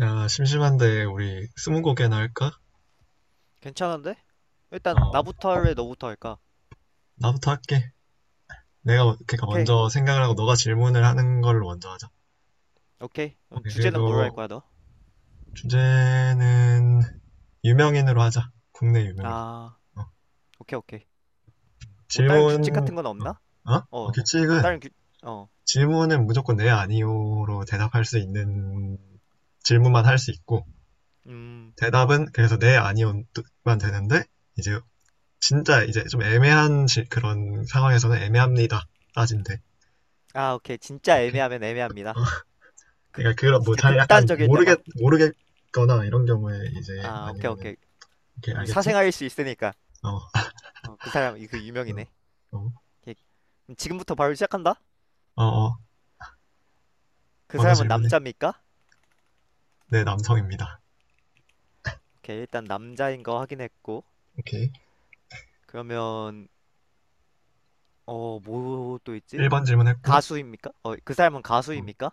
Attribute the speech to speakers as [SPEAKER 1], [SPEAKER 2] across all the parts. [SPEAKER 1] 야, 심심한데 우리 스무고개나 할까?
[SPEAKER 2] 괜찮은데? 일단
[SPEAKER 1] 어,
[SPEAKER 2] 나부터 할래, 너부터 할까?
[SPEAKER 1] 나부터 할게. 내가 그러니까
[SPEAKER 2] 오케이.
[SPEAKER 1] 먼저 생각을 하고 너가 질문을 하는 걸로 먼저 하자.
[SPEAKER 2] 오케이. 그럼
[SPEAKER 1] 오케이,
[SPEAKER 2] 주제는 뭘로 할
[SPEAKER 1] 그리고
[SPEAKER 2] 거야, 너?
[SPEAKER 1] 주제는 유명인으로 하자. 국내 유명인.
[SPEAKER 2] 아,
[SPEAKER 1] 어,
[SPEAKER 2] 오케이, 오케이. 뭐 다른 규칙 같은
[SPEAKER 1] 질문,
[SPEAKER 2] 건 없나?
[SPEAKER 1] 어?
[SPEAKER 2] 어,
[SPEAKER 1] 규칙은
[SPEAKER 2] 다른 규, 어,
[SPEAKER 1] 질문은 무조건 네, 아니요로 대답할 수 있는 질문만 할 수 있고
[SPEAKER 2] 음,
[SPEAKER 1] 대답은 그래서 네, 아니요만 되는데 이제 진짜 이제 좀 애매한 그런 상황에서는 애매합니다. 따진대.
[SPEAKER 2] 오케이. 진짜
[SPEAKER 1] 오케이?
[SPEAKER 2] 애매하면
[SPEAKER 1] 어?
[SPEAKER 2] 애매합니다. 극,
[SPEAKER 1] 그러니까 그런 뭐
[SPEAKER 2] 진짜
[SPEAKER 1] 잘 약간
[SPEAKER 2] 극단적일 때만.
[SPEAKER 1] 모르겠거나 이런 경우에 이제
[SPEAKER 2] 오케이,
[SPEAKER 1] 아니면은
[SPEAKER 2] 오케이.
[SPEAKER 1] 이렇게 알겠지?
[SPEAKER 2] 사생활일 수 있으니까.
[SPEAKER 1] 어.
[SPEAKER 2] 어, 그 사람, 이그 유명이네.
[SPEAKER 1] 어. 어.
[SPEAKER 2] 오케이. 그럼 지금부터 바로 시작한다?
[SPEAKER 1] 어. 어.
[SPEAKER 2] 그
[SPEAKER 1] 먼저
[SPEAKER 2] 사람은
[SPEAKER 1] 질문해.
[SPEAKER 2] 남자입니까?
[SPEAKER 1] 네, 남성입니다.
[SPEAKER 2] 오케이, 일단 남자인 거 확인했고.
[SPEAKER 1] 오케이.
[SPEAKER 2] 그러면, 어, 뭐 또 있지?
[SPEAKER 1] 1번 질문했고
[SPEAKER 2] 가수입니까? 그 사람은
[SPEAKER 1] 어.
[SPEAKER 2] 가수입니까?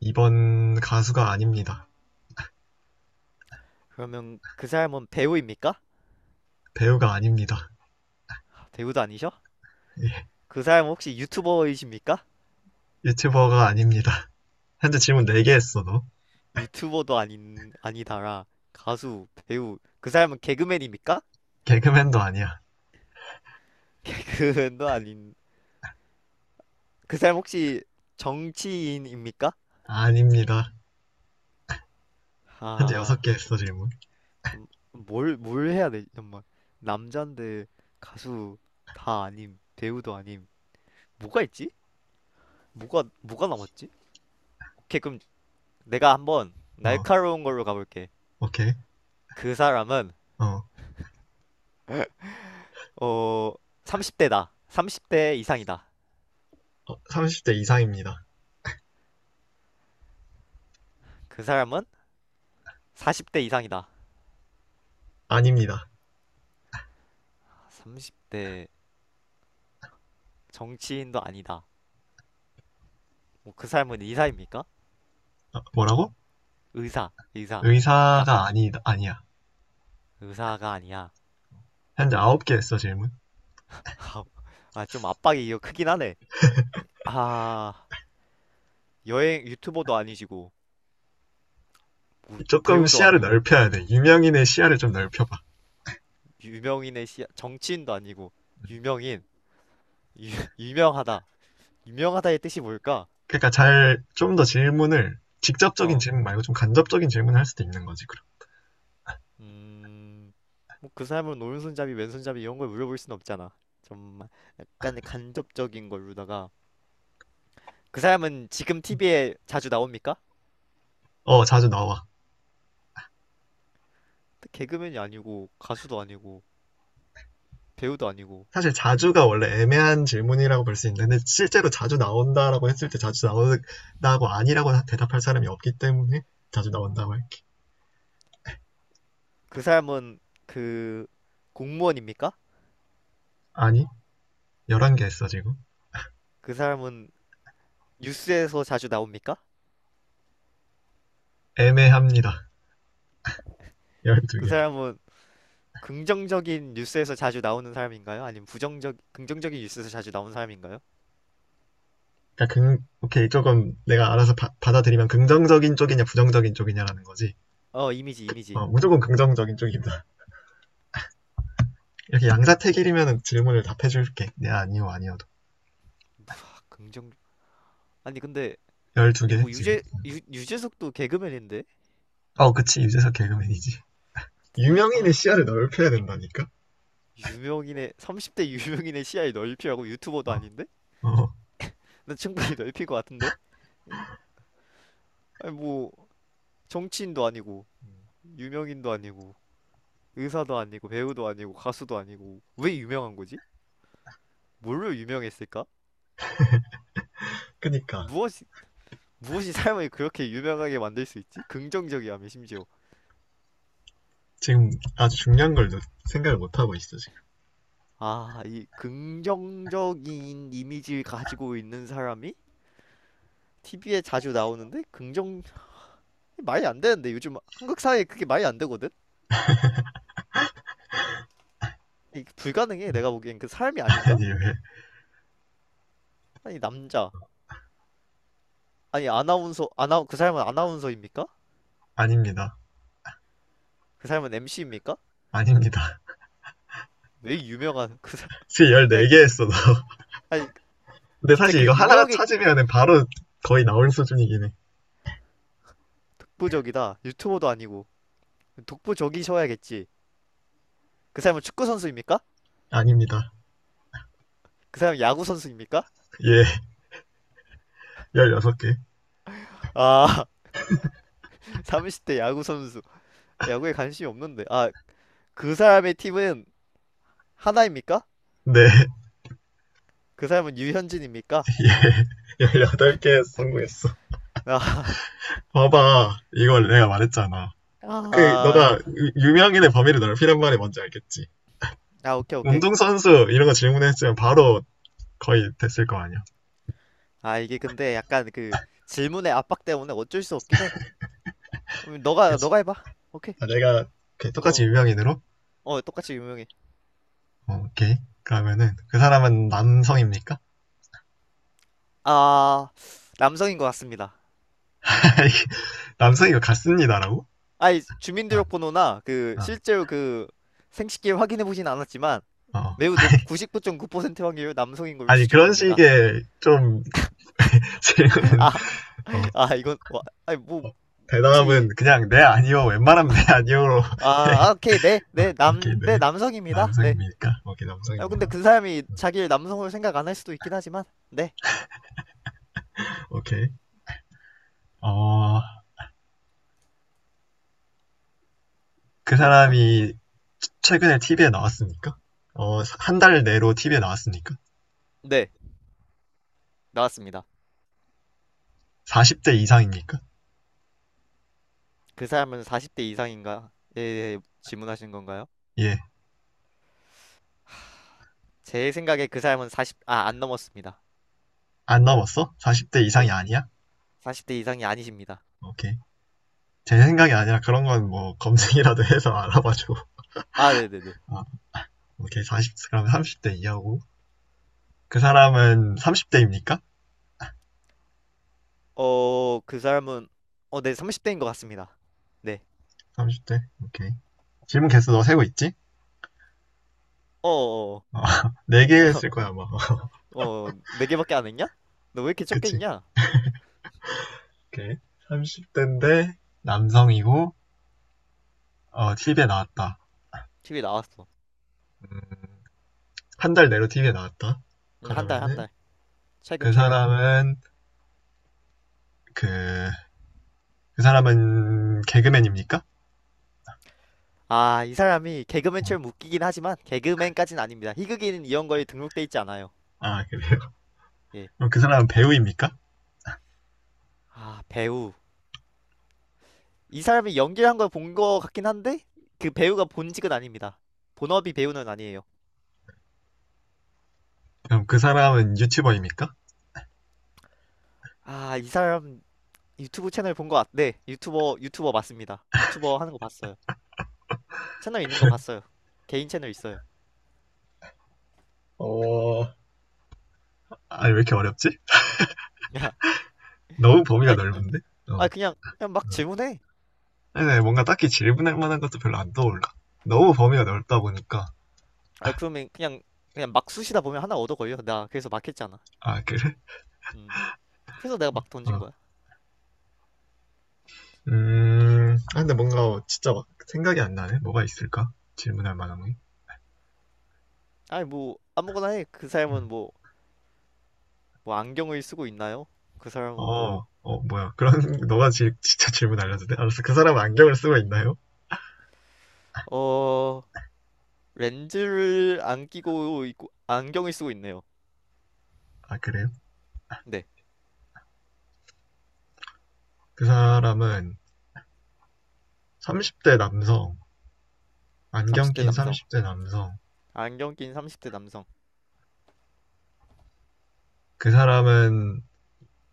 [SPEAKER 1] 2번 가수가 아닙니다.
[SPEAKER 2] 그러면 그 사람은 배우입니까?
[SPEAKER 1] 배우가 아닙니다.
[SPEAKER 2] 배우도 아니셔?
[SPEAKER 1] 예.
[SPEAKER 2] 그 사람은 혹시 유튜버이십니까?
[SPEAKER 1] 유튜버가 아닙니다. 현재 질문 4개 했어, 너.
[SPEAKER 2] 유튜버도 아닌 아니다라 가수, 배우. 그 사람은 개그맨입니까?
[SPEAKER 1] 개그맨도 아니야.
[SPEAKER 2] 개그맨도 아닌. 그 사람 혹시 정치인입니까?
[SPEAKER 1] 아닙니다. 현재
[SPEAKER 2] 아,
[SPEAKER 1] 6개 했어, 질문.
[SPEAKER 2] 참, 뭘 해야 되지? 정말 남잔데 가수 다 아님, 배우도 아님. 뭐가 있지? 뭐가 남았지? 오케이, 그럼 내가 한번
[SPEAKER 1] 어.
[SPEAKER 2] 날카로운 걸로 가볼게.
[SPEAKER 1] 오케이.
[SPEAKER 2] 그 사람은
[SPEAKER 1] 어.
[SPEAKER 2] 어, 30대다. 30대 이상이다.
[SPEAKER 1] 어, 30대 이상입니다.
[SPEAKER 2] 그 사람은 40대 이상이다.
[SPEAKER 1] 아닙니다.
[SPEAKER 2] 30대 정치인도 아니다. 뭐 그 사람은 의사입니까?
[SPEAKER 1] 아, 뭐라고?
[SPEAKER 2] 의사. 딱
[SPEAKER 1] 의사가 아니, 아니야.
[SPEAKER 2] 의사가 아니야.
[SPEAKER 1] 현재 아홉 개 했어, 질문.
[SPEAKER 2] 좀 압박이 이거 크긴 하네. 아, 여행 유튜버도 아니시고
[SPEAKER 1] 조금
[SPEAKER 2] 배우도
[SPEAKER 1] 시야를
[SPEAKER 2] 아니고
[SPEAKER 1] 넓혀야 돼. 유명인의 시야를 좀 넓혀봐.
[SPEAKER 2] 유명인의 시 정치인도 아니고 유명인 유, 유명하다. 유명하다의 뜻이 뭘까?
[SPEAKER 1] 그러니까 잘, 좀 더 질문을, 직접적인
[SPEAKER 2] 어,
[SPEAKER 1] 질문 말고 좀 간접적인 질문을 할 수도 있는 거지, 그럼.
[SPEAKER 2] 음, 뭐 그 사람은 오른손잡이, 왼손잡이 이런 걸 물어볼 순 없잖아. 좀 약간 간접적인 걸로다가 그 사람은 지금 TV에 자주 나옵니까?
[SPEAKER 1] 어, 자주 나와.
[SPEAKER 2] 개그맨이 아니고 가수도 아니고 배우도 아니고
[SPEAKER 1] 사실 자주가 원래 애매한 질문이라고 볼 수 있는데, 실제로 자주 나온다라고 했을 때 자주 나온다고 아니라고 대답할 사람이 없기 때문에 자주 나온다고 할게.
[SPEAKER 2] 그 사람은 그 공무원입니까?
[SPEAKER 1] 아니, 11개 했어, 지금.
[SPEAKER 2] 그 사람은 뉴스에서 자주 나옵니까?
[SPEAKER 1] 애매합니다.
[SPEAKER 2] 그
[SPEAKER 1] 12개.
[SPEAKER 2] 사람은 긍정적인 뉴스에서 자주 나오는 사람인가요? 아니면 부정적 긍정적인 뉴스에서 자주 나오는 사람인가요?
[SPEAKER 1] 그러니까 오케이, 조금 내가 알아서 받아들이면 긍정적인 쪽이냐, 부정적인 쪽이냐라는 거지.
[SPEAKER 2] 어, 이미지.
[SPEAKER 1] 어, 무조건 긍정적인 쪽입니다. 이렇게 양자택일이면 질문을 답해줄게. 네, 아니요, 아니어도.
[SPEAKER 2] 아, 긍정 아니 근데 아니
[SPEAKER 1] 12개,
[SPEAKER 2] 뭐
[SPEAKER 1] 지금.
[SPEAKER 2] 유재 유재석도 개그맨인데
[SPEAKER 1] 어, 그치, 유재석 개그맨이지.
[SPEAKER 2] 유,
[SPEAKER 1] 유명인의
[SPEAKER 2] 아
[SPEAKER 1] 시야를 넓혀야 된다니까?
[SPEAKER 2] 유명인의 시야를 넓히라고 유튜버도
[SPEAKER 1] 어,
[SPEAKER 2] 아닌데
[SPEAKER 1] 어.
[SPEAKER 2] 난 충분히 넓힐 것 같은데. 응. 아니 뭐 정치인도 아니고 유명인도 아니고 의사도 아니고 배우도 아니고 가수도 아니고 왜 유명한 거지? 뭘로 유명했을까?
[SPEAKER 1] 그니까.
[SPEAKER 2] 무엇이 무엇이 사람을 그렇게 유명하게 만들 수 있지? 긍정적이야며 심지어
[SPEAKER 1] 지금 아주 중요한 걸 생각을 못하고 있어, 지금.
[SPEAKER 2] 아 이 긍정적인 이미지를 가지고 있는 사람이 TV에 자주 나오는데 긍정 말이 안 되는데 요즘 한국 사회에 그게 말이 안 되거든? 이게 불가능해 내가 보기엔 그 사람이 아닌가?
[SPEAKER 1] 아니, 왜?
[SPEAKER 2] 아니 남자 아니 아나운서 아나 그 사람은 아나운서입니까?
[SPEAKER 1] 아닙니다.
[SPEAKER 2] 그 사람은 MC입니까?
[SPEAKER 1] 아닙니다.
[SPEAKER 2] 왜 유명한 그 사람
[SPEAKER 1] 지금
[SPEAKER 2] 그냥,
[SPEAKER 1] 14개 했어, 너.
[SPEAKER 2] 아니
[SPEAKER 1] 근데
[SPEAKER 2] 진짜
[SPEAKER 1] 사실
[SPEAKER 2] 그
[SPEAKER 1] 이거 하나
[SPEAKER 2] 유명의
[SPEAKER 1] 찾으면 바로 거의 나올 수준이긴 해.
[SPEAKER 2] 독보적이다. 유튜버도 아니고 독보적이셔야겠지. 그 사람은 축구 선수입니까?
[SPEAKER 1] 아닙니다.
[SPEAKER 2] 그 사람은 야구 선수입니까?
[SPEAKER 1] 예, 16개.
[SPEAKER 2] 아 30대 야구 선수. 야구에 관심이 없는데 아 그 사람의 팀은 하나입니까?
[SPEAKER 1] 네,
[SPEAKER 2] 그 사람은 유현진입니까?
[SPEAKER 1] 예, 18개 성공했어.
[SPEAKER 2] 아,
[SPEAKER 1] 봐봐. 이걸 내가 말했잖아. 그,
[SPEAKER 2] 아,
[SPEAKER 1] 너가 유명인의 범위를 넓히란 말이 뭔지 알겠지?
[SPEAKER 2] 아, 오케이, 오케이.
[SPEAKER 1] 운동선수 이런 거 질문했으면 바로 거의 됐을 거 아니야.
[SPEAKER 2] 이게 근데 약간 질문의 압박 때문에 어쩔 수 없긴 해.
[SPEAKER 1] 그치?
[SPEAKER 2] 너가 해봐. 오케이.
[SPEAKER 1] 아, 내가 그 똑같이
[SPEAKER 2] 어,
[SPEAKER 1] 유명인으로?
[SPEAKER 2] 어, 똑같이 유명해.
[SPEAKER 1] 어, 오케이. 그러면은 그 사람은
[SPEAKER 2] 음.
[SPEAKER 1] 남성입니까?
[SPEAKER 2] 아, 남성인 것 같습니다.
[SPEAKER 1] 남성이고 같습니다라고?
[SPEAKER 2] 아이,
[SPEAKER 1] 아,
[SPEAKER 2] 주민등록번호나
[SPEAKER 1] 아,
[SPEAKER 2] 실제로 생식기 확인해 보진 않았지만,
[SPEAKER 1] 어.
[SPEAKER 2] 99.9% 확률 남성인 걸로
[SPEAKER 1] 아니 그런
[SPEAKER 2] 추측됩니다.
[SPEAKER 1] 식의 좀 질문은
[SPEAKER 2] 아,
[SPEAKER 1] 어,
[SPEAKER 2] 아, 이건, 와, 아니, 뭐,
[SPEAKER 1] 대답은
[SPEAKER 2] 혹시,
[SPEAKER 1] 그냥 네 아니요 웬만하면 네 아니요로
[SPEAKER 2] 아, 아, 오케이, 네, 네,
[SPEAKER 1] 오케이
[SPEAKER 2] 네,
[SPEAKER 1] 네
[SPEAKER 2] 남성입니다. 네.
[SPEAKER 1] 남성입니까? 오케이
[SPEAKER 2] 아, 근데
[SPEAKER 1] 남성입니다.
[SPEAKER 2] 그 사람이 자기를 남성으로 생각 안 할 수도 있긴 하지만, 네,
[SPEAKER 1] 오케이 어, 그
[SPEAKER 2] 뭐 없나?
[SPEAKER 1] 사람이 최근에 TV에 나왔습니까? 어, 한 달 내로 TV에 나왔습니까?
[SPEAKER 2] 네. 나왔습니다.
[SPEAKER 1] 40대 이상입니까?
[SPEAKER 2] 그 사람은 40대 이상인가? 네질문하시는 건가요?
[SPEAKER 1] 예.
[SPEAKER 2] 제 생각에 그 사람은 안 넘었습니다.
[SPEAKER 1] 안 넘었어? 40대 이상이
[SPEAKER 2] 네.
[SPEAKER 1] 아니야?
[SPEAKER 2] 40대 이상이 아니십니다.
[SPEAKER 1] 오케이. 제 생각이 아니라 그런 건 뭐 검색이라도 해서 알아봐줘.
[SPEAKER 2] 아, 네네네.
[SPEAKER 1] 아, 오케이. 40, 그럼 30대 이하고. 그 사람은 30대입니까?
[SPEAKER 2] 어, 그 사람은, 네, 30대인 것 같습니다. 네.
[SPEAKER 1] 30대? 오케이. 질문 개수 너 세고 있지?
[SPEAKER 2] 어, 어, 어,
[SPEAKER 1] 어, 4개 했을 거야, 아마.
[SPEAKER 2] 어, 네 개밖에 안 했냐? 너 왜 이렇게 적게
[SPEAKER 1] 그치?
[SPEAKER 2] 있냐?
[SPEAKER 1] 오케이. 30대인데 남성이고, 어, TV에 나왔다.
[SPEAKER 2] 티비 나왔어.
[SPEAKER 1] 음, 한 달 내로 TV에 나왔다.
[SPEAKER 2] 한
[SPEAKER 1] 그러면은
[SPEAKER 2] 달.
[SPEAKER 1] 그
[SPEAKER 2] 최근.
[SPEAKER 1] 사람은 그, 그 사람은 개그맨입니까?
[SPEAKER 2] 아, 이 사람이
[SPEAKER 1] 어.
[SPEAKER 2] 개그맨처럼 웃기긴 하지만 개그맨까진 아닙니다. 희극인 이런 거에 등록돼 있지 않아요.
[SPEAKER 1] 아, 그래요?
[SPEAKER 2] 예.
[SPEAKER 1] 그럼 그 사람은 배우입니까?
[SPEAKER 2] 배우. 이 사람이 연기를 한 걸 본 거 같긴 한데 그 배우가 본직은 아닙니다. 본업이 배우는 아니에요.
[SPEAKER 1] 그럼 그 사람은 유튜버입니까?
[SPEAKER 2] 아, 이 사람 유튜브 채널 본 거 같... 네, 유튜버 맞습니다. 유튜버 하는 거 봤어요. 채널 있는 거 봤어요. 개인 채널 있어요.
[SPEAKER 1] 어, 아니, 왜 이렇게 어렵지?
[SPEAKER 2] 야,
[SPEAKER 1] 너무 범위가
[SPEAKER 2] 아니,
[SPEAKER 1] 넓은데?
[SPEAKER 2] 아
[SPEAKER 1] 어.
[SPEAKER 2] 그냥 막 질문해.
[SPEAKER 1] 아니, 뭔가 딱히 질문할 만한 것도 별로 안 떠올라. 너무 범위가 넓다 보니까.
[SPEAKER 2] 아 그러면 그냥 막 쑤시다 보면 하나 얻어 걸려. 나 그래서 막 했잖아.
[SPEAKER 1] 아, 그래?
[SPEAKER 2] 음. 그래서 내가 막 던진
[SPEAKER 1] 어.
[SPEAKER 2] 거야.
[SPEAKER 1] 아, 근데 뭔가 진짜 막 생각이 안 나네. 뭐가 있을까? 질문할 만한 게.
[SPEAKER 2] 아니 뭐 아무거나 해. 그 사람은 뭐 뭐 안경을 쓰고 있나요? 그 사람은 뭐
[SPEAKER 1] 뭐야. 그런, 진짜 질문 알려도 돼? 알았어. 그 사람은 안경을 쓰고 있나요?
[SPEAKER 2] 어. 렌즈를 안 끼고 있고 안경을 쓰고 있네요.
[SPEAKER 1] 아, 그래요?
[SPEAKER 2] 네,
[SPEAKER 1] 그 사람은 30대 남성, 안경
[SPEAKER 2] 30대
[SPEAKER 1] 낀
[SPEAKER 2] 남성.
[SPEAKER 1] 30대 남성.
[SPEAKER 2] 안경 낀 30대 남성.
[SPEAKER 1] 그 사람은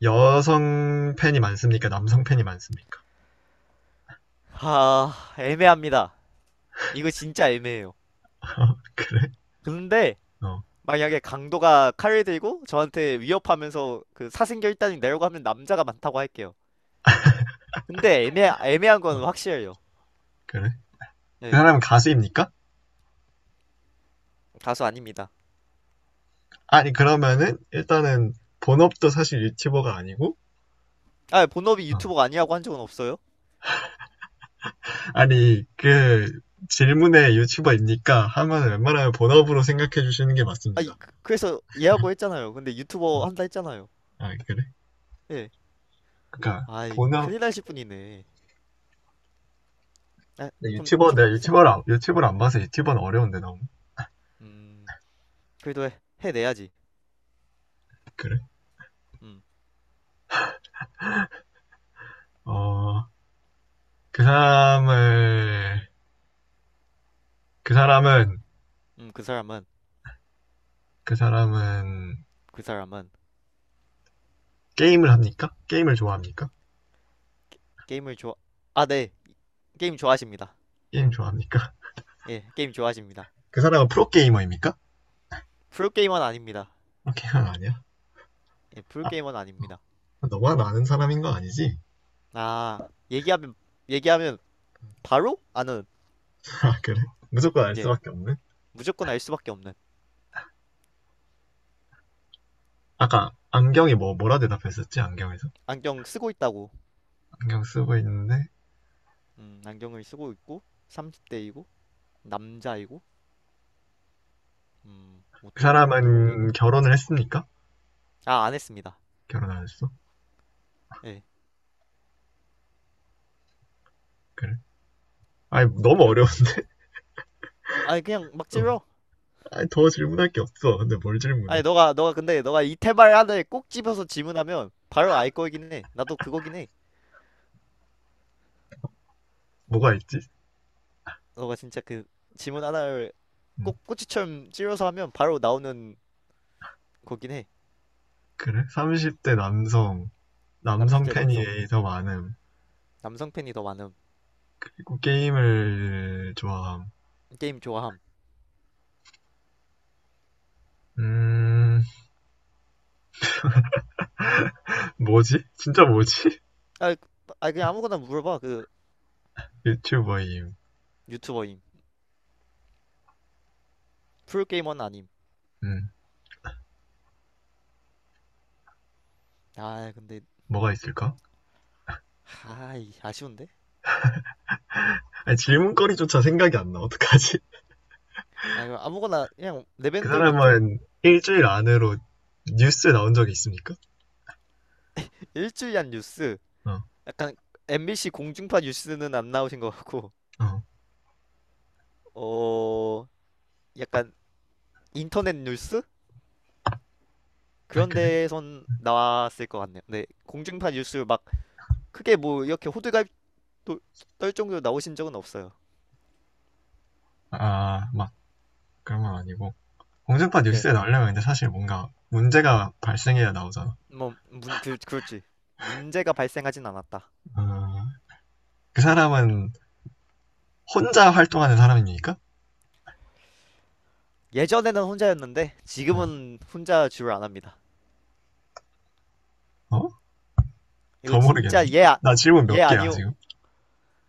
[SPEAKER 1] 여성 팬이 많습니까? 남성 팬이 많습니까?
[SPEAKER 2] 하, 애매합니다. 이거 진짜 애매해요.
[SPEAKER 1] 그래?
[SPEAKER 2] 근데
[SPEAKER 1] 어,
[SPEAKER 2] 만약에 강도가 칼을 들고 저한테 위협하면서 그 사생결단이 내려고 하면 남자가 많다고 할게요. 근데 애매한 건
[SPEAKER 1] 어,
[SPEAKER 2] 확실해요.
[SPEAKER 1] 그래? 그
[SPEAKER 2] 네,
[SPEAKER 1] 사람은 가수입니까?
[SPEAKER 2] 가수 아닙니다.
[SPEAKER 1] 아니, 그러면은, 일단은, 본업도 사실 유튜버가 아니고,
[SPEAKER 2] 아, 본업이
[SPEAKER 1] 어.
[SPEAKER 2] 유튜버가 아니라고 한 적은 없어요?
[SPEAKER 1] 아니, 그, 질문에 유튜버입니까? 하면 웬만하면 본업으로 생각해 주시는 게
[SPEAKER 2] 아,
[SPEAKER 1] 맞습니다.
[SPEAKER 2] 그래서 얘하고 했잖아요. 근데
[SPEAKER 1] 어,
[SPEAKER 2] 유튜버 한다 했잖아요.
[SPEAKER 1] 아, 그래?
[SPEAKER 2] 예.
[SPEAKER 1] 그러니까
[SPEAKER 2] 아이,
[SPEAKER 1] 본업
[SPEAKER 2] 큰일 날실 분이네. 아,
[SPEAKER 1] 유튜버
[SPEAKER 2] 좀쭉
[SPEAKER 1] 내가 유튜버를 안, 유튜브를 안 봐서 유튜버는 어려운데 너무
[SPEAKER 2] 음, 그래도 해내야지.
[SPEAKER 1] 그래?
[SPEAKER 2] 음,
[SPEAKER 1] 어, 그 사람을 그 사람은
[SPEAKER 2] 그 사람은
[SPEAKER 1] 그 사람은
[SPEAKER 2] 그 사람은
[SPEAKER 1] 게임을 합니까? 게임을 좋아합니까?
[SPEAKER 2] 게임을 좋아 아, 네. 게임 좋아하십니다.
[SPEAKER 1] 게임 좋아합니까?
[SPEAKER 2] 예, 게임 좋아하십니다.
[SPEAKER 1] 그 사람은 프로게이머입니까?
[SPEAKER 2] 프로게이머는 아닙니다.
[SPEAKER 1] 프로게이머 아니야?
[SPEAKER 2] 예,
[SPEAKER 1] 아,
[SPEAKER 2] 프로게이머는 아닙니다.
[SPEAKER 1] 너만 아는 사람인 거 아니지?
[SPEAKER 2] 아, 얘기하면 얘기하면 바로 아는.
[SPEAKER 1] 아, 그래? 무조건 알
[SPEAKER 2] 예,
[SPEAKER 1] 수밖에 없네.
[SPEAKER 2] 무조건 알 수밖에 없는.
[SPEAKER 1] 아까 안경이 뭐 뭐라 대답했었지? 안경에서?
[SPEAKER 2] 안경 쓰고 있다고.
[SPEAKER 1] 안경 쓰고 있는데
[SPEAKER 2] 안경을 쓰고 있고 30대이고 남자이고. 뭐
[SPEAKER 1] 그
[SPEAKER 2] 또 물어본 게 있네?
[SPEAKER 1] 사람은 결혼을 했습니까?
[SPEAKER 2] 아, 안 했습니다.
[SPEAKER 1] 결혼 안 했어?
[SPEAKER 2] 예.
[SPEAKER 1] 그래? 아니 너무
[SPEAKER 2] 결
[SPEAKER 1] 어려운데.
[SPEAKER 2] 아니 그냥 막
[SPEAKER 1] 응.
[SPEAKER 2] 질러.
[SPEAKER 1] 아, 더 질문할 게 없어. 근데 뭘 질문해?
[SPEAKER 2] 아니 너가 근데 너가 이태발 하나를 꼭 집어서 질문하면 바로 알 거긴 해. 나도 그거긴 해.
[SPEAKER 1] 뭐가 있지?
[SPEAKER 2] 너가 진짜 그 질문 하나를
[SPEAKER 1] 응.
[SPEAKER 2] 꼭 꼬치처럼 찔러서 하면 바로 나오는 거긴 해.
[SPEAKER 1] 그래? 30대
[SPEAKER 2] 어.
[SPEAKER 1] 남성, 남성
[SPEAKER 2] 30대
[SPEAKER 1] 팬이
[SPEAKER 2] 남성.
[SPEAKER 1] 더 많음.
[SPEAKER 2] 남성 팬이 더 많음.
[SPEAKER 1] 그리고 게임을 좋아함.
[SPEAKER 2] 게임 좋아함.
[SPEAKER 1] 음, 뭐지? 진짜 뭐지?
[SPEAKER 2] 아, 아 그냥 아무거나 물어봐.
[SPEAKER 1] 유튜버임.
[SPEAKER 2] 유튜버임. 프로게이머는 아님.
[SPEAKER 1] 음,
[SPEAKER 2] 아, 근데
[SPEAKER 1] 뭐가 있을까?
[SPEAKER 2] 하이 아쉬운데?
[SPEAKER 1] 아니, 질문거리조차 생각이 안 나. 어떡하지?
[SPEAKER 2] 아 이거 아무거나 그냥 내
[SPEAKER 1] 그
[SPEAKER 2] 밴드로 뱉어.
[SPEAKER 1] 사람은 일주일 안으로 뉴스에 나온 적이 있습니까?
[SPEAKER 2] 일주일간 뉴스.
[SPEAKER 1] 어,
[SPEAKER 2] 약간 MBC 공중파 뉴스는 안 나오신 것 같고.
[SPEAKER 1] 어.
[SPEAKER 2] 어, 약간 인터넷 뉴스?
[SPEAKER 1] 아,
[SPEAKER 2] 그런
[SPEAKER 1] 그래?
[SPEAKER 2] 데선 나왔을 것 같네요. 네, 공중파 뉴스 막 크게 뭐 이렇게 호들갑 도- 떨 정도로 나오신 적은 없어요.
[SPEAKER 1] 아, 막, 그런 건 아니고. 공중파
[SPEAKER 2] 예,
[SPEAKER 1] 뉴스에 나오려면 근데 사실 뭔가 문제가 발생해야 나오잖아.
[SPEAKER 2] 그렇지. 문제가 발생하진 않았다.
[SPEAKER 1] 아, 그 사람은 혼자 활동하는 사람입니까?
[SPEAKER 2] 예전에는 혼자였는데
[SPEAKER 1] 응.
[SPEAKER 2] 지금은 혼자 주를 안 합니다.
[SPEAKER 1] 어?
[SPEAKER 2] 이거
[SPEAKER 1] 더 모르겠네.
[SPEAKER 2] 진짜 얘, 아-
[SPEAKER 1] 나 질문
[SPEAKER 2] 얘
[SPEAKER 1] 몇 개야,
[SPEAKER 2] 아니오.
[SPEAKER 1] 지금?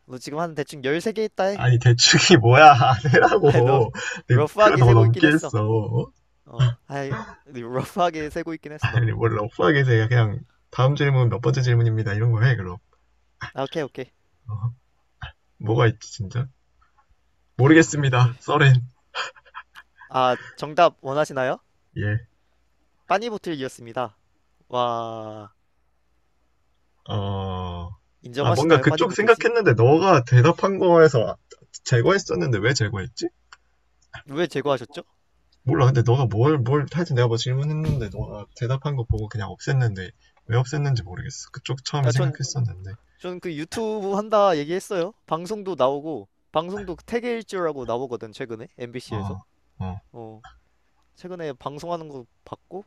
[SPEAKER 2] 너 지금 한 대충 13개 있다 해.
[SPEAKER 1] 아니, 대충이 뭐야. 안
[SPEAKER 2] 아이, 너
[SPEAKER 1] 해라고. 그거
[SPEAKER 2] 러프하게
[SPEAKER 1] 너
[SPEAKER 2] 세고 있긴
[SPEAKER 1] 넘게
[SPEAKER 2] 했어.
[SPEAKER 1] 했어. 어?
[SPEAKER 2] 어, 아이, 네, 러프하게 세고 있긴 했어,
[SPEAKER 1] 아니,
[SPEAKER 2] 너무.
[SPEAKER 1] 뭘 러프하게 해. 그냥, 다음 질문 몇 번째 질문입니다. 이런 거 해, 그럼.
[SPEAKER 2] 아, 오케이, 오케이.
[SPEAKER 1] 어? 뭐가 있지, 진짜?
[SPEAKER 2] 아, 이걸.
[SPEAKER 1] 모르겠습니다. 써렌.
[SPEAKER 2] 아, 정답 원하시나요?
[SPEAKER 1] 예.
[SPEAKER 2] 빠니보틀이었습니다. 와,
[SPEAKER 1] 어, 아, 뭔가
[SPEAKER 2] 인정하시나요,
[SPEAKER 1] 그쪽
[SPEAKER 2] 빠니보틀 씨?
[SPEAKER 1] 생각했는데 너가 대답한 거에서 아, 제거했었는데 왜 제거했지?
[SPEAKER 2] 왜 제거하셨죠?
[SPEAKER 1] 몰라. 근데 너가 하여튼 내가 뭐 질문했는데 너가 대답한 거 보고 그냥 없앴는데 왜 없앴는지 모르겠어. 그쪽 처음에
[SPEAKER 2] 아, 전,
[SPEAKER 1] 생각했었는데.
[SPEAKER 2] 전 그 유튜브 한다 얘기했어요. 방송도 나오고, 방송도 태계일주라고 나오거든, 최근에. MBC에서.
[SPEAKER 1] 어, 어.
[SPEAKER 2] 어, 최근에 방송하는 거 봤고,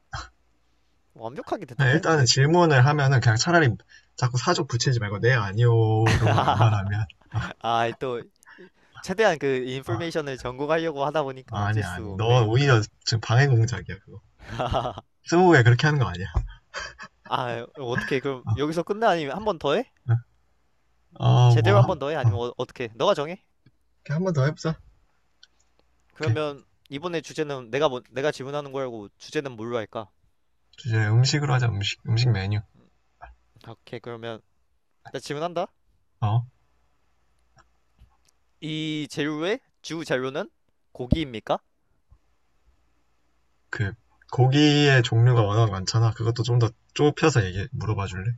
[SPEAKER 2] 완벽하게
[SPEAKER 1] 그냥 일단은
[SPEAKER 2] 대답했는데.
[SPEAKER 1] 질문을 하면은 그냥 차라리 자꾸 사족 붙이지 말고 네, 아니요로만 말하면
[SPEAKER 2] 아, 또, 최대한 그
[SPEAKER 1] 아,
[SPEAKER 2] 인포메이션을 전공하려고 하다 보니까
[SPEAKER 1] 아니,
[SPEAKER 2] 어쩔 수
[SPEAKER 1] 아니. 너
[SPEAKER 2] 없네.
[SPEAKER 1] 오히려
[SPEAKER 2] 어.
[SPEAKER 1] 지금 방해 공작이야, 그거. 스무고개 그렇게 하는 거 아니야.
[SPEAKER 2] 아, 어떻게, 그럼 여기서 끝내? 아니면 한번 더 해?
[SPEAKER 1] 응. 어,
[SPEAKER 2] 제대로
[SPEAKER 1] 뭐,
[SPEAKER 2] 한
[SPEAKER 1] 한,
[SPEAKER 2] 번 더 해?
[SPEAKER 1] 어.
[SPEAKER 2] 아니면 어떻게? 너가 정해.
[SPEAKER 1] 한번 더 해보자. 오케이.
[SPEAKER 2] 그러면 이번에 주제는 내가 질문하는 거고 주제는 뭘로 할까?
[SPEAKER 1] 주제 음식으로 하자, 음식, 음식 메뉴.
[SPEAKER 2] 오케이 그러면 나 질문한다.
[SPEAKER 1] 어,
[SPEAKER 2] 이 재료의 주 재료는 고기입니까?
[SPEAKER 1] 그, 고기의 종류가 워낙 많잖아. 그것도 좀 더 좁혀서 얘기, 물어봐 줄래?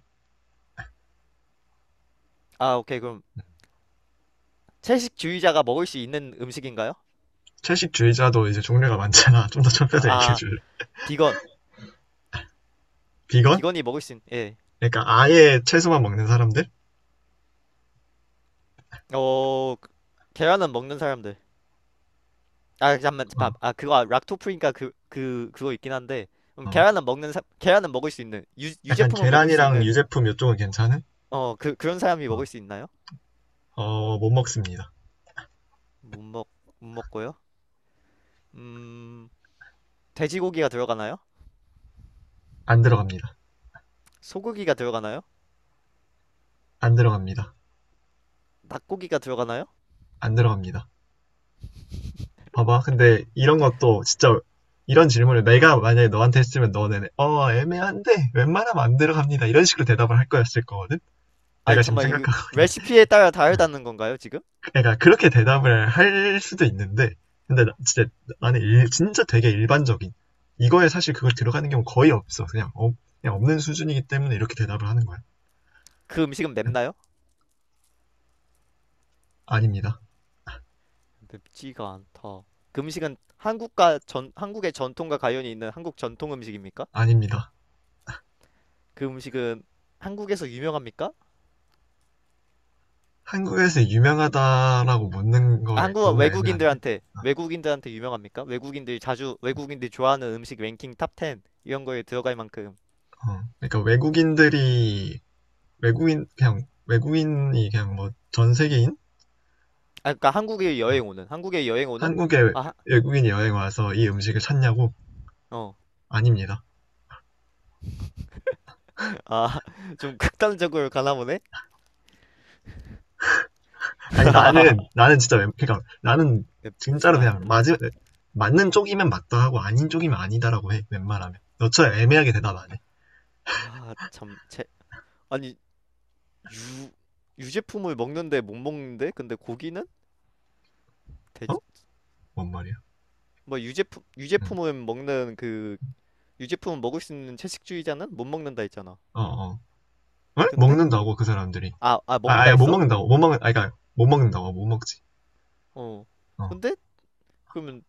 [SPEAKER 2] 아 오케이 그럼 채식주의자가 먹을 수 있는 음식인가요?
[SPEAKER 1] 채식주의자도 이제 종류가 많잖아. 좀 더
[SPEAKER 2] 아,
[SPEAKER 1] 좁혀서 얘기해
[SPEAKER 2] 아
[SPEAKER 1] 줄래?
[SPEAKER 2] 비건.
[SPEAKER 1] 비건?
[SPEAKER 2] 비건이 먹을 수 있는 예.
[SPEAKER 1] 그러니까 아예 채소만 먹는 사람들?
[SPEAKER 2] 어 그- 계란은 먹는 사람들. 아 잠만 잠-
[SPEAKER 1] 어,
[SPEAKER 2] 아 그거 아, 락토프리니까 그거 있긴 한데. 그럼
[SPEAKER 1] 어.
[SPEAKER 2] 계란은 먹는 사 계란은 먹을 수 있는,
[SPEAKER 1] 약간
[SPEAKER 2] 유제품은 먹을 수
[SPEAKER 1] 계란이랑
[SPEAKER 2] 있는
[SPEAKER 1] 유제품 이쪽은 괜찮은?
[SPEAKER 2] 그런 사람이
[SPEAKER 1] 어,
[SPEAKER 2] 먹을 수 있나요?
[SPEAKER 1] 어, 못 먹습니다.
[SPEAKER 2] 못 먹 못 먹고요. 음. 돼지고기가 들어가나요?
[SPEAKER 1] 안 들어갑니다.
[SPEAKER 2] 소고기가 들어가나요?
[SPEAKER 1] 안 들어갑니다.
[SPEAKER 2] 닭고기가 들어가나요?
[SPEAKER 1] 안 들어갑니다. 봐봐. 근데 이런 것도 진짜 이런 질문을 내가 만약에 너한테 했으면 너는 어, 애매한데 웬만하면 안 들어갑니다. 이런 식으로 대답을 할 거였을 거거든?
[SPEAKER 2] 아니
[SPEAKER 1] 내가 지금
[SPEAKER 2] 정말 이
[SPEAKER 1] 생각하고 있는.
[SPEAKER 2] 레시피에 따라
[SPEAKER 1] 어.
[SPEAKER 2] 다르다는 건가요, 지금?
[SPEAKER 1] 그러니까 그렇게 대답을 할 수도 있는데, 진짜 진짜 되게 일반적인 이거에 사실 그걸 들어가는 경우 거의 없어. 그냥 없는 수준이기 때문에 이렇게 대답을 하는 거야.
[SPEAKER 2] 그 음식은
[SPEAKER 1] 그냥
[SPEAKER 2] 맵나요?
[SPEAKER 1] 아닙니다.
[SPEAKER 2] 맵지가 않다. 그 음식은 한국과 전 한국의 전통과 관련이 있는 한국 전통 음식입니까?
[SPEAKER 1] 아닙니다.
[SPEAKER 2] 그 음식은 한국에서 유명합니까?
[SPEAKER 1] 한국에서 유명하다라고 묻는
[SPEAKER 2] 아,
[SPEAKER 1] 거에
[SPEAKER 2] 한국
[SPEAKER 1] 너무 애매한데.
[SPEAKER 2] 외국인들한테 외국인들한테 유명합니까? 외국인들이 좋아하는 음식 랭킹 탑 10 이런 거에 들어갈 만큼.
[SPEAKER 1] 어. 그러니까 외국인들이 외국인 그냥 외국인이 그냥 뭐 전
[SPEAKER 2] 음.
[SPEAKER 1] 세계인
[SPEAKER 2] 아 그러니까 한국에 여행 오는
[SPEAKER 1] 한국에
[SPEAKER 2] 아
[SPEAKER 1] 외국인이 여행 와서 이 음식을 찾냐고?
[SPEAKER 2] 어
[SPEAKER 1] 아닙니다.
[SPEAKER 2] 아, 좀 극단적으로 가나 보네?
[SPEAKER 1] 아니 나는 그러니까 나는
[SPEAKER 2] 맵지
[SPEAKER 1] 진짜로 그냥
[SPEAKER 2] 않다.
[SPEAKER 1] 맞으 맞는 쪽이면 맞다 하고 아닌 쪽이면 아니다라고 해 웬만하면 너처럼 애매하게 대답 안 해.
[SPEAKER 2] 아, 참, 제, 아니, 유, 유제품을 먹는데 못 먹는데? 근데 고기는?
[SPEAKER 1] 어?
[SPEAKER 2] 돼지,
[SPEAKER 1] 뭔 말이야? 응.
[SPEAKER 2] 유제품은 먹는 그, 유제품은 먹을 수 있는 채식주의자는 못 먹는다 했잖아.
[SPEAKER 1] 어 어. 에?
[SPEAKER 2] 근데?
[SPEAKER 1] 먹는다고 그 사람들이.
[SPEAKER 2] 아, 아,
[SPEAKER 1] 아
[SPEAKER 2] 먹는다
[SPEAKER 1] 아야 못
[SPEAKER 2] 했어?
[SPEAKER 1] 먹는다고 못 먹는 아 그러니까 못 먹는다고 못 먹지.
[SPEAKER 2] 어.
[SPEAKER 1] 어.
[SPEAKER 2] 근데? 그러면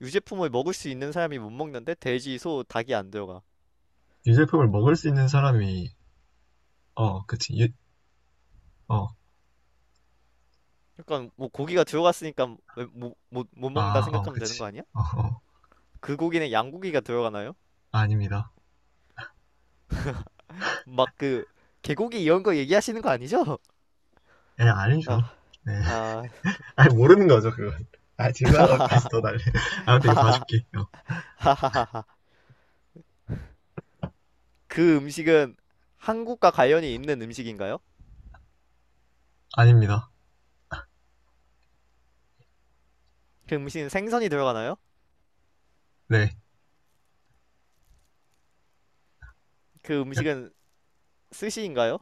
[SPEAKER 2] 유제품을 먹을 수 있는 사람이 못 먹는데? 돼지, 소, 닭이 안 들어가.
[SPEAKER 1] 유제품을 먹을 수 있는 사람이 어 그치 유, 어.
[SPEAKER 2] 약간, 뭐, 고기가 들어갔으니까 왜 못 먹는다 생각하면 되는
[SPEAKER 1] 그치.
[SPEAKER 2] 거 아니야?
[SPEAKER 1] 어, 어.
[SPEAKER 2] 그 고기는 양고기가 들어가나요?
[SPEAKER 1] 아닙니다.
[SPEAKER 2] 막 그 개고기 이런 거 얘기하시는 거 아니죠?
[SPEAKER 1] 예, 아니죠.
[SPEAKER 2] 아,
[SPEAKER 1] 네.
[SPEAKER 2] 아,
[SPEAKER 1] 아니, 모르는 거죠, 그건. 아, 질문하다까지 더 날려. 아무튼 이거 봐줄게. 어.
[SPEAKER 2] 하하하하하하. 그 음식은 한국과 관련이 있는 음식인가요?
[SPEAKER 1] 아닙니다.
[SPEAKER 2] 그 음식은 생선이 들어가나요?
[SPEAKER 1] 네.
[SPEAKER 2] 그 음식은 스시인가요?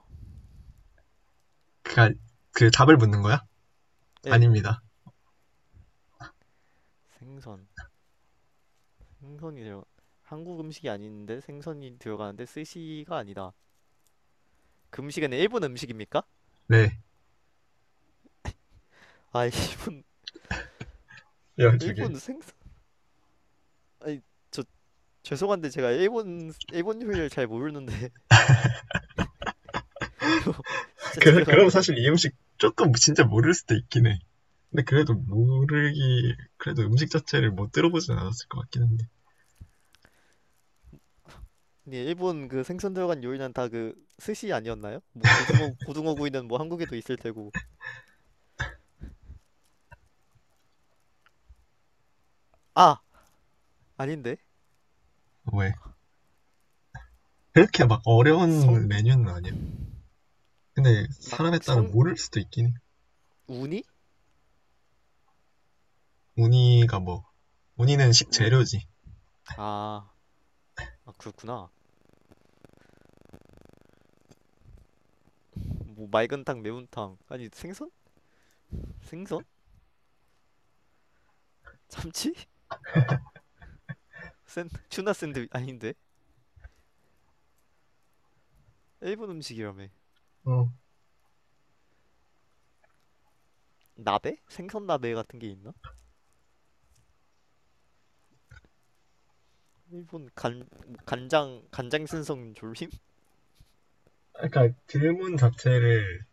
[SPEAKER 1] 그니까 그 답을 묻는 거야?
[SPEAKER 2] 예,
[SPEAKER 1] 아닙니다.
[SPEAKER 2] 생선, 생선이 들어. 한국 음식이 아닌데 생선이 들어가는데 스시가 아니다. 그 음식은 일본 음식입니까?
[SPEAKER 1] 네.
[SPEAKER 2] 아, 일본,
[SPEAKER 1] 열두
[SPEAKER 2] 일본
[SPEAKER 1] 개
[SPEAKER 2] 생선. 아니, 저 죄송한데 제가 일본 요리를 잘 모르는데, 저 진짜
[SPEAKER 1] 그 그, 그럼
[SPEAKER 2] 죄송한데.
[SPEAKER 1] 사실 이 음식 조금 진짜 모를 수도 있긴 해. 근데 그래도 모르기, 그래도 음식 자체를 못 들어보진 않았을 것 같긴 한데.
[SPEAKER 2] 근데 일본 그 생선 들어간 요리는 다 그 스시 아니었나요? 뭐 고등어 구이는 뭐 한국에도 있을 테고. 아, 아닌데.
[SPEAKER 1] 왜? 그렇게 막
[SPEAKER 2] 성
[SPEAKER 1] 어려운 메뉴는 아니야. 근데
[SPEAKER 2] 막
[SPEAKER 1] 사람에 따라
[SPEAKER 2] 성
[SPEAKER 1] 모를 수도 있긴 해.
[SPEAKER 2] 우니?
[SPEAKER 1] 우니가 뭐, 우니는
[SPEAKER 2] 운
[SPEAKER 1] 식재료지.
[SPEAKER 2] 아, 아 그렇구나. 뭐 맑은탕, 매운탕. 아니 생선? 생선? 참치? 샌 튜나 샌드 아닌데. 일본 음식이라며.
[SPEAKER 1] 어.
[SPEAKER 2] 나베? 생선 나베 같은 게 있나? 일본 간 뭐 간장 간장 생선 졸림?
[SPEAKER 1] 그러니까 질문 자체를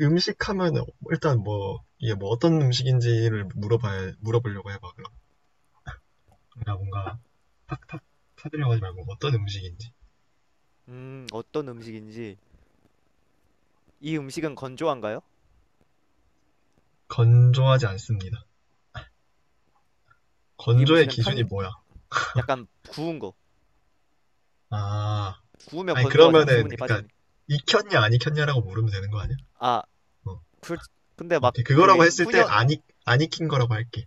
[SPEAKER 1] 음식 하면 일단 뭐, 이게 뭐 어떤 음식인지를 물어보려고 해봐, 그럼. 그러니까 뭔가 탁탁 사들려고 하지 말고 어떤 음식인지.
[SPEAKER 2] 어떤 음식인지. 이 음식은 건조한가요?
[SPEAKER 1] 건조하지 않습니다.
[SPEAKER 2] 이
[SPEAKER 1] 건조의
[SPEAKER 2] 음식은
[SPEAKER 1] 기준이
[SPEAKER 2] 탕이
[SPEAKER 1] 뭐야?
[SPEAKER 2] 약간 구운 거.
[SPEAKER 1] 아,
[SPEAKER 2] 구우면
[SPEAKER 1] 아니
[SPEAKER 2] 건조하잖아.
[SPEAKER 1] 그러면은
[SPEAKER 2] 수분이
[SPEAKER 1] 그러니까
[SPEAKER 2] 빠지니.
[SPEAKER 1] 익혔냐 안 익혔냐라고 물으면 되는 거 아니야?
[SPEAKER 2] 아,
[SPEAKER 1] 어,
[SPEAKER 2] 그, 근데 막
[SPEAKER 1] 오케이 그거라고
[SPEAKER 2] 그
[SPEAKER 1] 했을 때
[SPEAKER 2] 후년
[SPEAKER 1] 안 익힌 거라고 할게.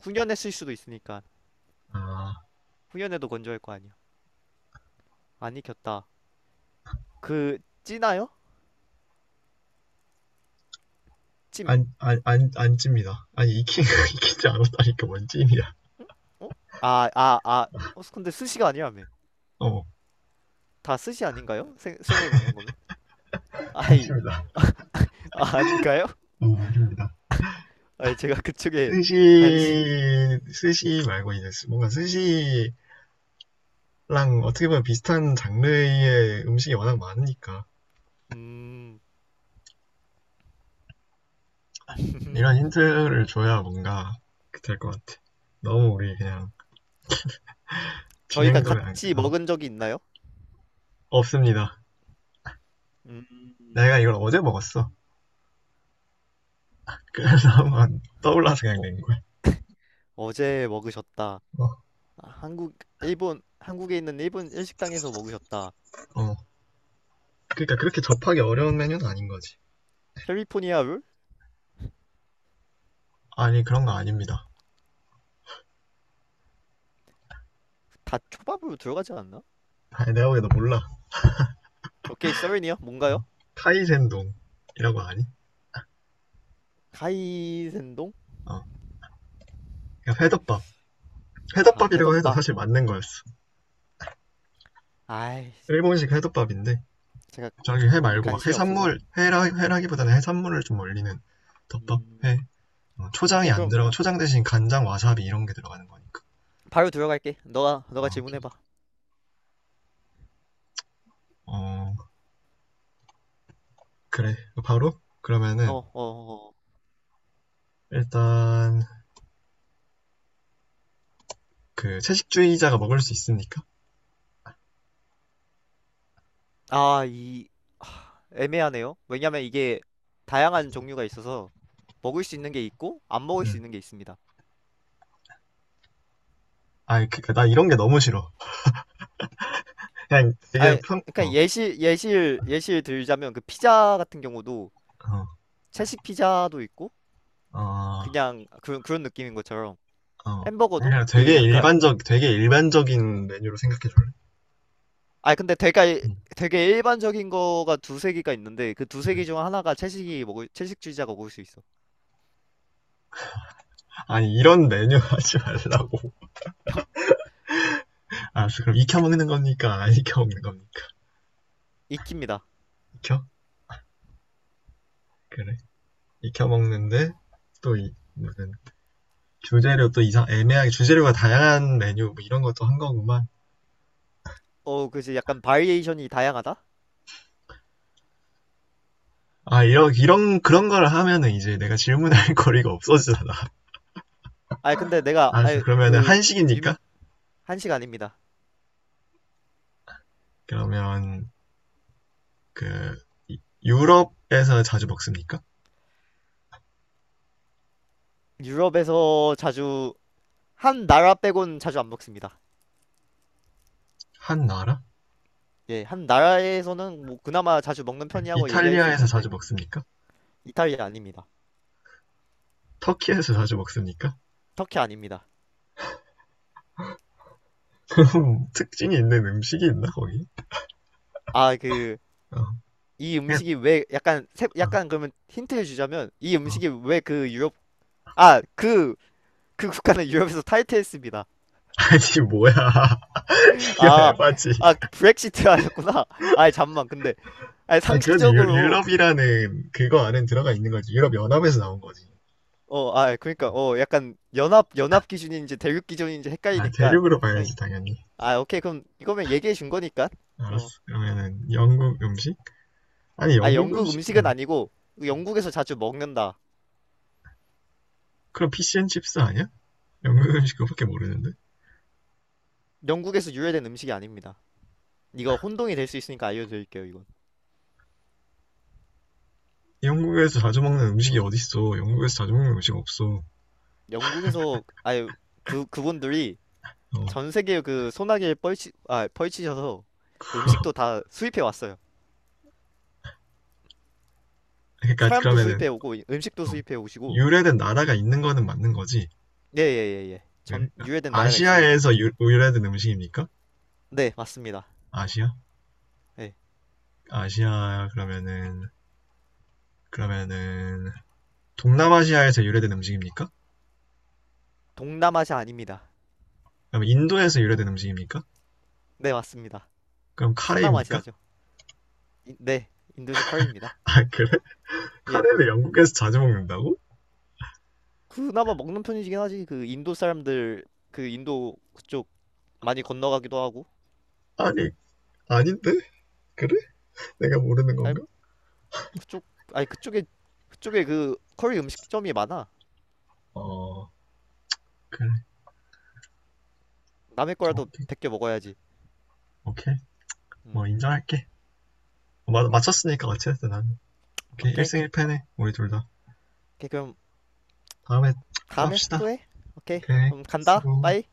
[SPEAKER 2] 후년했을 수도 있으니까
[SPEAKER 1] 아,
[SPEAKER 2] 후년에도 건조할 거 아니야. 안 익혔다. 그 찌나요? 찜.
[SPEAKER 1] 안 찝니다. 아니 익힌 익히지 않았다니까 뭔 찜이야.
[SPEAKER 2] 응? 어? 아, 아, 아. 어, 근데 스시가 아니라며.
[SPEAKER 1] 어,
[SPEAKER 2] 다 스시 아닌가요? 생을 먹는 거면? 아이,
[SPEAKER 1] 아닙니다.
[SPEAKER 2] 아, 아닌가요?
[SPEAKER 1] 어, 아닙니다.
[SPEAKER 2] 아니, 제가 그쪽에
[SPEAKER 1] 스시,
[SPEAKER 2] 관심.
[SPEAKER 1] 스시 말고 이제 뭔가 스시랑 어떻게 보면 비슷한 장르의 음식이 워낙 많으니까.
[SPEAKER 2] 음,
[SPEAKER 1] 이런 힌트를 줘야 뭔가 될 것 같아. 너무 우리 그냥
[SPEAKER 2] 저희가
[SPEAKER 1] 진행도 그냥
[SPEAKER 2] 같이
[SPEAKER 1] 어,
[SPEAKER 2] 먹은 적이 있나요?
[SPEAKER 1] 없습니다.
[SPEAKER 2] 음,
[SPEAKER 1] 내가 이걸 어제 먹었어. 그래서 한번 떠올라서 그냥
[SPEAKER 2] 어,
[SPEAKER 1] 낸 거야.
[SPEAKER 2] 어제 먹으셨다.
[SPEAKER 1] 어,
[SPEAKER 2] 한국에 있는 일본 일식당에서 먹으셨다.
[SPEAKER 1] 어. 그러니까 그렇게 접하기 어려운 메뉴는 아닌 거지.
[SPEAKER 2] 캘리포니아 룰?
[SPEAKER 1] 아니 그런 거 아닙니다.
[SPEAKER 2] 다 초밥으로 들어가지 않나?
[SPEAKER 1] 아니 내가 보기엔 너 몰라.
[SPEAKER 2] 오케이, 서렌이요 뭔가요?
[SPEAKER 1] 카이센동이라고 아니?
[SPEAKER 2] 카이센동?
[SPEAKER 1] 어, 그냥 회덮밥.
[SPEAKER 2] 아,
[SPEAKER 1] 회덮밥이라고 해도
[SPEAKER 2] 회덮밥.
[SPEAKER 1] 사실 맞는 거였어.
[SPEAKER 2] 아이,
[SPEAKER 1] 일본식 회덮밥인데
[SPEAKER 2] 제가
[SPEAKER 1] 저기 회
[SPEAKER 2] 그런 게
[SPEAKER 1] 말고 막
[SPEAKER 2] 관심이 없어서.
[SPEAKER 1] 해산물 회라기보다는 해산물을 좀 올리는 덮밥
[SPEAKER 2] 음,
[SPEAKER 1] 회. 어, 초장이
[SPEAKER 2] 오케이,
[SPEAKER 1] 안
[SPEAKER 2] 그럼
[SPEAKER 1] 들어가 초장 대신 간장 와사비 이런 게 들어가는 거니까
[SPEAKER 2] 바로 들어갈게. 너가
[SPEAKER 1] 아 오케이
[SPEAKER 2] 질문해봐.
[SPEAKER 1] 어 그래 바로
[SPEAKER 2] 어,
[SPEAKER 1] 그러면은
[SPEAKER 2] 어, 어.
[SPEAKER 1] 일단 그 채식주의자가 먹을 수 있으니까
[SPEAKER 2] 아, 이 애매하네요. 왜냐면 이게 다양한 종류가 있어서 먹을 수 있는 게 있고 안 먹을 수
[SPEAKER 1] 응.
[SPEAKER 2] 있는 게 있습니다.
[SPEAKER 1] 아 그니까 나 이런 게 너무 싫어 그냥 되게
[SPEAKER 2] 아, 그러니까 예시를 들자면 그 피자 같은 경우도 채식 피자도 있고
[SPEAKER 1] 평어어어
[SPEAKER 2] 그냥 그런 그런 느낌인 것처럼. 햄버거도
[SPEAKER 1] 그냥
[SPEAKER 2] 그 약간
[SPEAKER 1] 되게 일반적인 메뉴로 생각해 줄래
[SPEAKER 2] 아 근데 되게
[SPEAKER 1] 응.
[SPEAKER 2] 되게 일반적인 거가 두세 개가 있는데 그 두 세
[SPEAKER 1] 응.
[SPEAKER 2] 개 중 하나가 채식이 먹을 채식주의자가 먹을 수 있어.
[SPEAKER 1] 아니 이런 메뉴 하지 말라고 알았어 그럼 익혀 먹는 겁니까 안 익혀 먹는 겁니까
[SPEAKER 2] 익힙니다.
[SPEAKER 1] 익혀 그래 익혀 먹는데 또 이, 무슨 주재료 또 이상 애매하게 주재료가 다양한 메뉴 뭐 이런 것도 한 거구만.
[SPEAKER 2] 어 그지 약간 바리에이션이 다양하다?
[SPEAKER 1] 아 이런 이런 그런 걸 하면은 이제 내가 질문할 거리가 없어지잖아.
[SPEAKER 2] 아 근데 내가
[SPEAKER 1] 알았어. 그러면은
[SPEAKER 2] 아그
[SPEAKER 1] 한식입니까?
[SPEAKER 2] 한식 아닙니다.
[SPEAKER 1] 그러면 그 유럽에서 자주 먹습니까?
[SPEAKER 2] 유럽에서 자주 한 나라 빼곤 자주 안 먹습니다.
[SPEAKER 1] 한 나라?
[SPEAKER 2] 예, 한 나라에서는 뭐 그나마 자주 먹는 편이라고 얘기할 수
[SPEAKER 1] 이탈리아에서 자주
[SPEAKER 2] 있는데.
[SPEAKER 1] 먹습니까?
[SPEAKER 2] 이탈리아 아닙니다.
[SPEAKER 1] 터키에서 자주 먹습니까?
[SPEAKER 2] 터키 아닙니다.
[SPEAKER 1] 특징이 있는 음식이 있나 거기?
[SPEAKER 2] 아그
[SPEAKER 1] 어.
[SPEAKER 2] 이
[SPEAKER 1] 예,
[SPEAKER 2] 음식이 왜 약간 세-
[SPEAKER 1] 어,
[SPEAKER 2] 약간 그러면 힌트를 주자면 이
[SPEAKER 1] 어.
[SPEAKER 2] 음식이 왜 그 유럽 아 그 그 국가는 유럽에서 탈퇴했습니다.
[SPEAKER 1] 아니 뭐야? 이거
[SPEAKER 2] 아
[SPEAKER 1] 에바지.
[SPEAKER 2] 그 브렉시트 하셨구나. 아 잠만 근데 아
[SPEAKER 1] 아 그래도
[SPEAKER 2] 상식적으로.
[SPEAKER 1] 유럽이라는 그거 안에 들어가 있는 거지. 유럽 연합에서 나온
[SPEAKER 2] 어
[SPEAKER 1] 거지.
[SPEAKER 2] 어, 아 그러니까 어 약간 연합 기준인지 대륙 기준인지
[SPEAKER 1] 아,
[SPEAKER 2] 헷갈리니까.
[SPEAKER 1] 대륙으로
[SPEAKER 2] 아이,
[SPEAKER 1] 봐야지, 당연히.
[SPEAKER 2] 아 오케이 그럼 이거면 얘기해 준 거니까.
[SPEAKER 1] 알았어.
[SPEAKER 2] 어.
[SPEAKER 1] 그러면은, 영국 음식? 아니,
[SPEAKER 2] 아
[SPEAKER 1] 영국
[SPEAKER 2] 영국
[SPEAKER 1] 음식,
[SPEAKER 2] 음식은 아니고 영국에서 자주 먹는다.
[SPEAKER 1] 그럼 피시앤칩스 아니야? 영국 음식 그거밖에 모르는데?
[SPEAKER 2] 영국에서 유래된 음식이 아닙니다. 이거 혼동이 될 수 있으니까 알려드릴게요 이건.
[SPEAKER 1] 영국에서 자주 먹는 음식이 어딨어? 영국에서 자주 먹는 음식 없어.
[SPEAKER 2] 영국에서 아예 그 그분들이
[SPEAKER 1] 어.
[SPEAKER 2] 전 세계 그 소나기를 뻘치 아 펼치셔서 그 음식도 다 수입해 왔어요.
[SPEAKER 1] 그러니까,
[SPEAKER 2] 사람도
[SPEAKER 1] 그러면은,
[SPEAKER 2] 수입해 오고 음식도
[SPEAKER 1] 어.
[SPEAKER 2] 수입해 오시고.
[SPEAKER 1] 유래된 나라가 있는 거는 맞는 거지.
[SPEAKER 2] 예.
[SPEAKER 1] 그래?
[SPEAKER 2] 전
[SPEAKER 1] 아,
[SPEAKER 2] 유래된 나라가 있습니다.
[SPEAKER 1] 아시아에서 유래된 음식입니까?
[SPEAKER 2] 네 맞습니다.
[SPEAKER 1] 아시아?
[SPEAKER 2] 예.
[SPEAKER 1] 아시아, 그러면은, 그러면은, 동남아시아에서 유래된 음식입니까?
[SPEAKER 2] 동남아시아 아닙니다.
[SPEAKER 1] 그럼 인도에서 유래된 음식입니까?
[SPEAKER 2] 네 맞습니다.
[SPEAKER 1] 그럼 카레입니까?
[SPEAKER 2] 서남아시아죠. 네 인도식 커리입니다.
[SPEAKER 1] 아, 그래?
[SPEAKER 2] 예
[SPEAKER 1] 카레를 영국에서 자주 먹는다고?
[SPEAKER 2] 그나마 먹는 편이긴 하지. 그 인도 사람들 그 인도 그쪽 많이 건너가기도 하고.
[SPEAKER 1] 아니, 아닌데? 그래? 내가 모르는
[SPEAKER 2] 아니
[SPEAKER 1] 건가?
[SPEAKER 2] 그쪽 아니 그쪽에 그쪽에 그 커리 음식점이 많아.
[SPEAKER 1] 어, 그래.
[SPEAKER 2] 남의 거라도
[SPEAKER 1] 오케이.
[SPEAKER 2] 베껴 먹어야지.
[SPEAKER 1] 오케이. 뭐,
[SPEAKER 2] 음.
[SPEAKER 1] 인정할게. 맞췄으니까 같이 했어, 나는. 오케이.
[SPEAKER 2] 오케이.
[SPEAKER 1] 1승 1패네. 우리 둘 다.
[SPEAKER 2] 오케이, 그럼
[SPEAKER 1] 다음에 또
[SPEAKER 2] 다음에
[SPEAKER 1] 합시다.
[SPEAKER 2] 또 해. 오케이.
[SPEAKER 1] 오케이.
[SPEAKER 2] 그럼 간다.
[SPEAKER 1] 수고.
[SPEAKER 2] 빠이.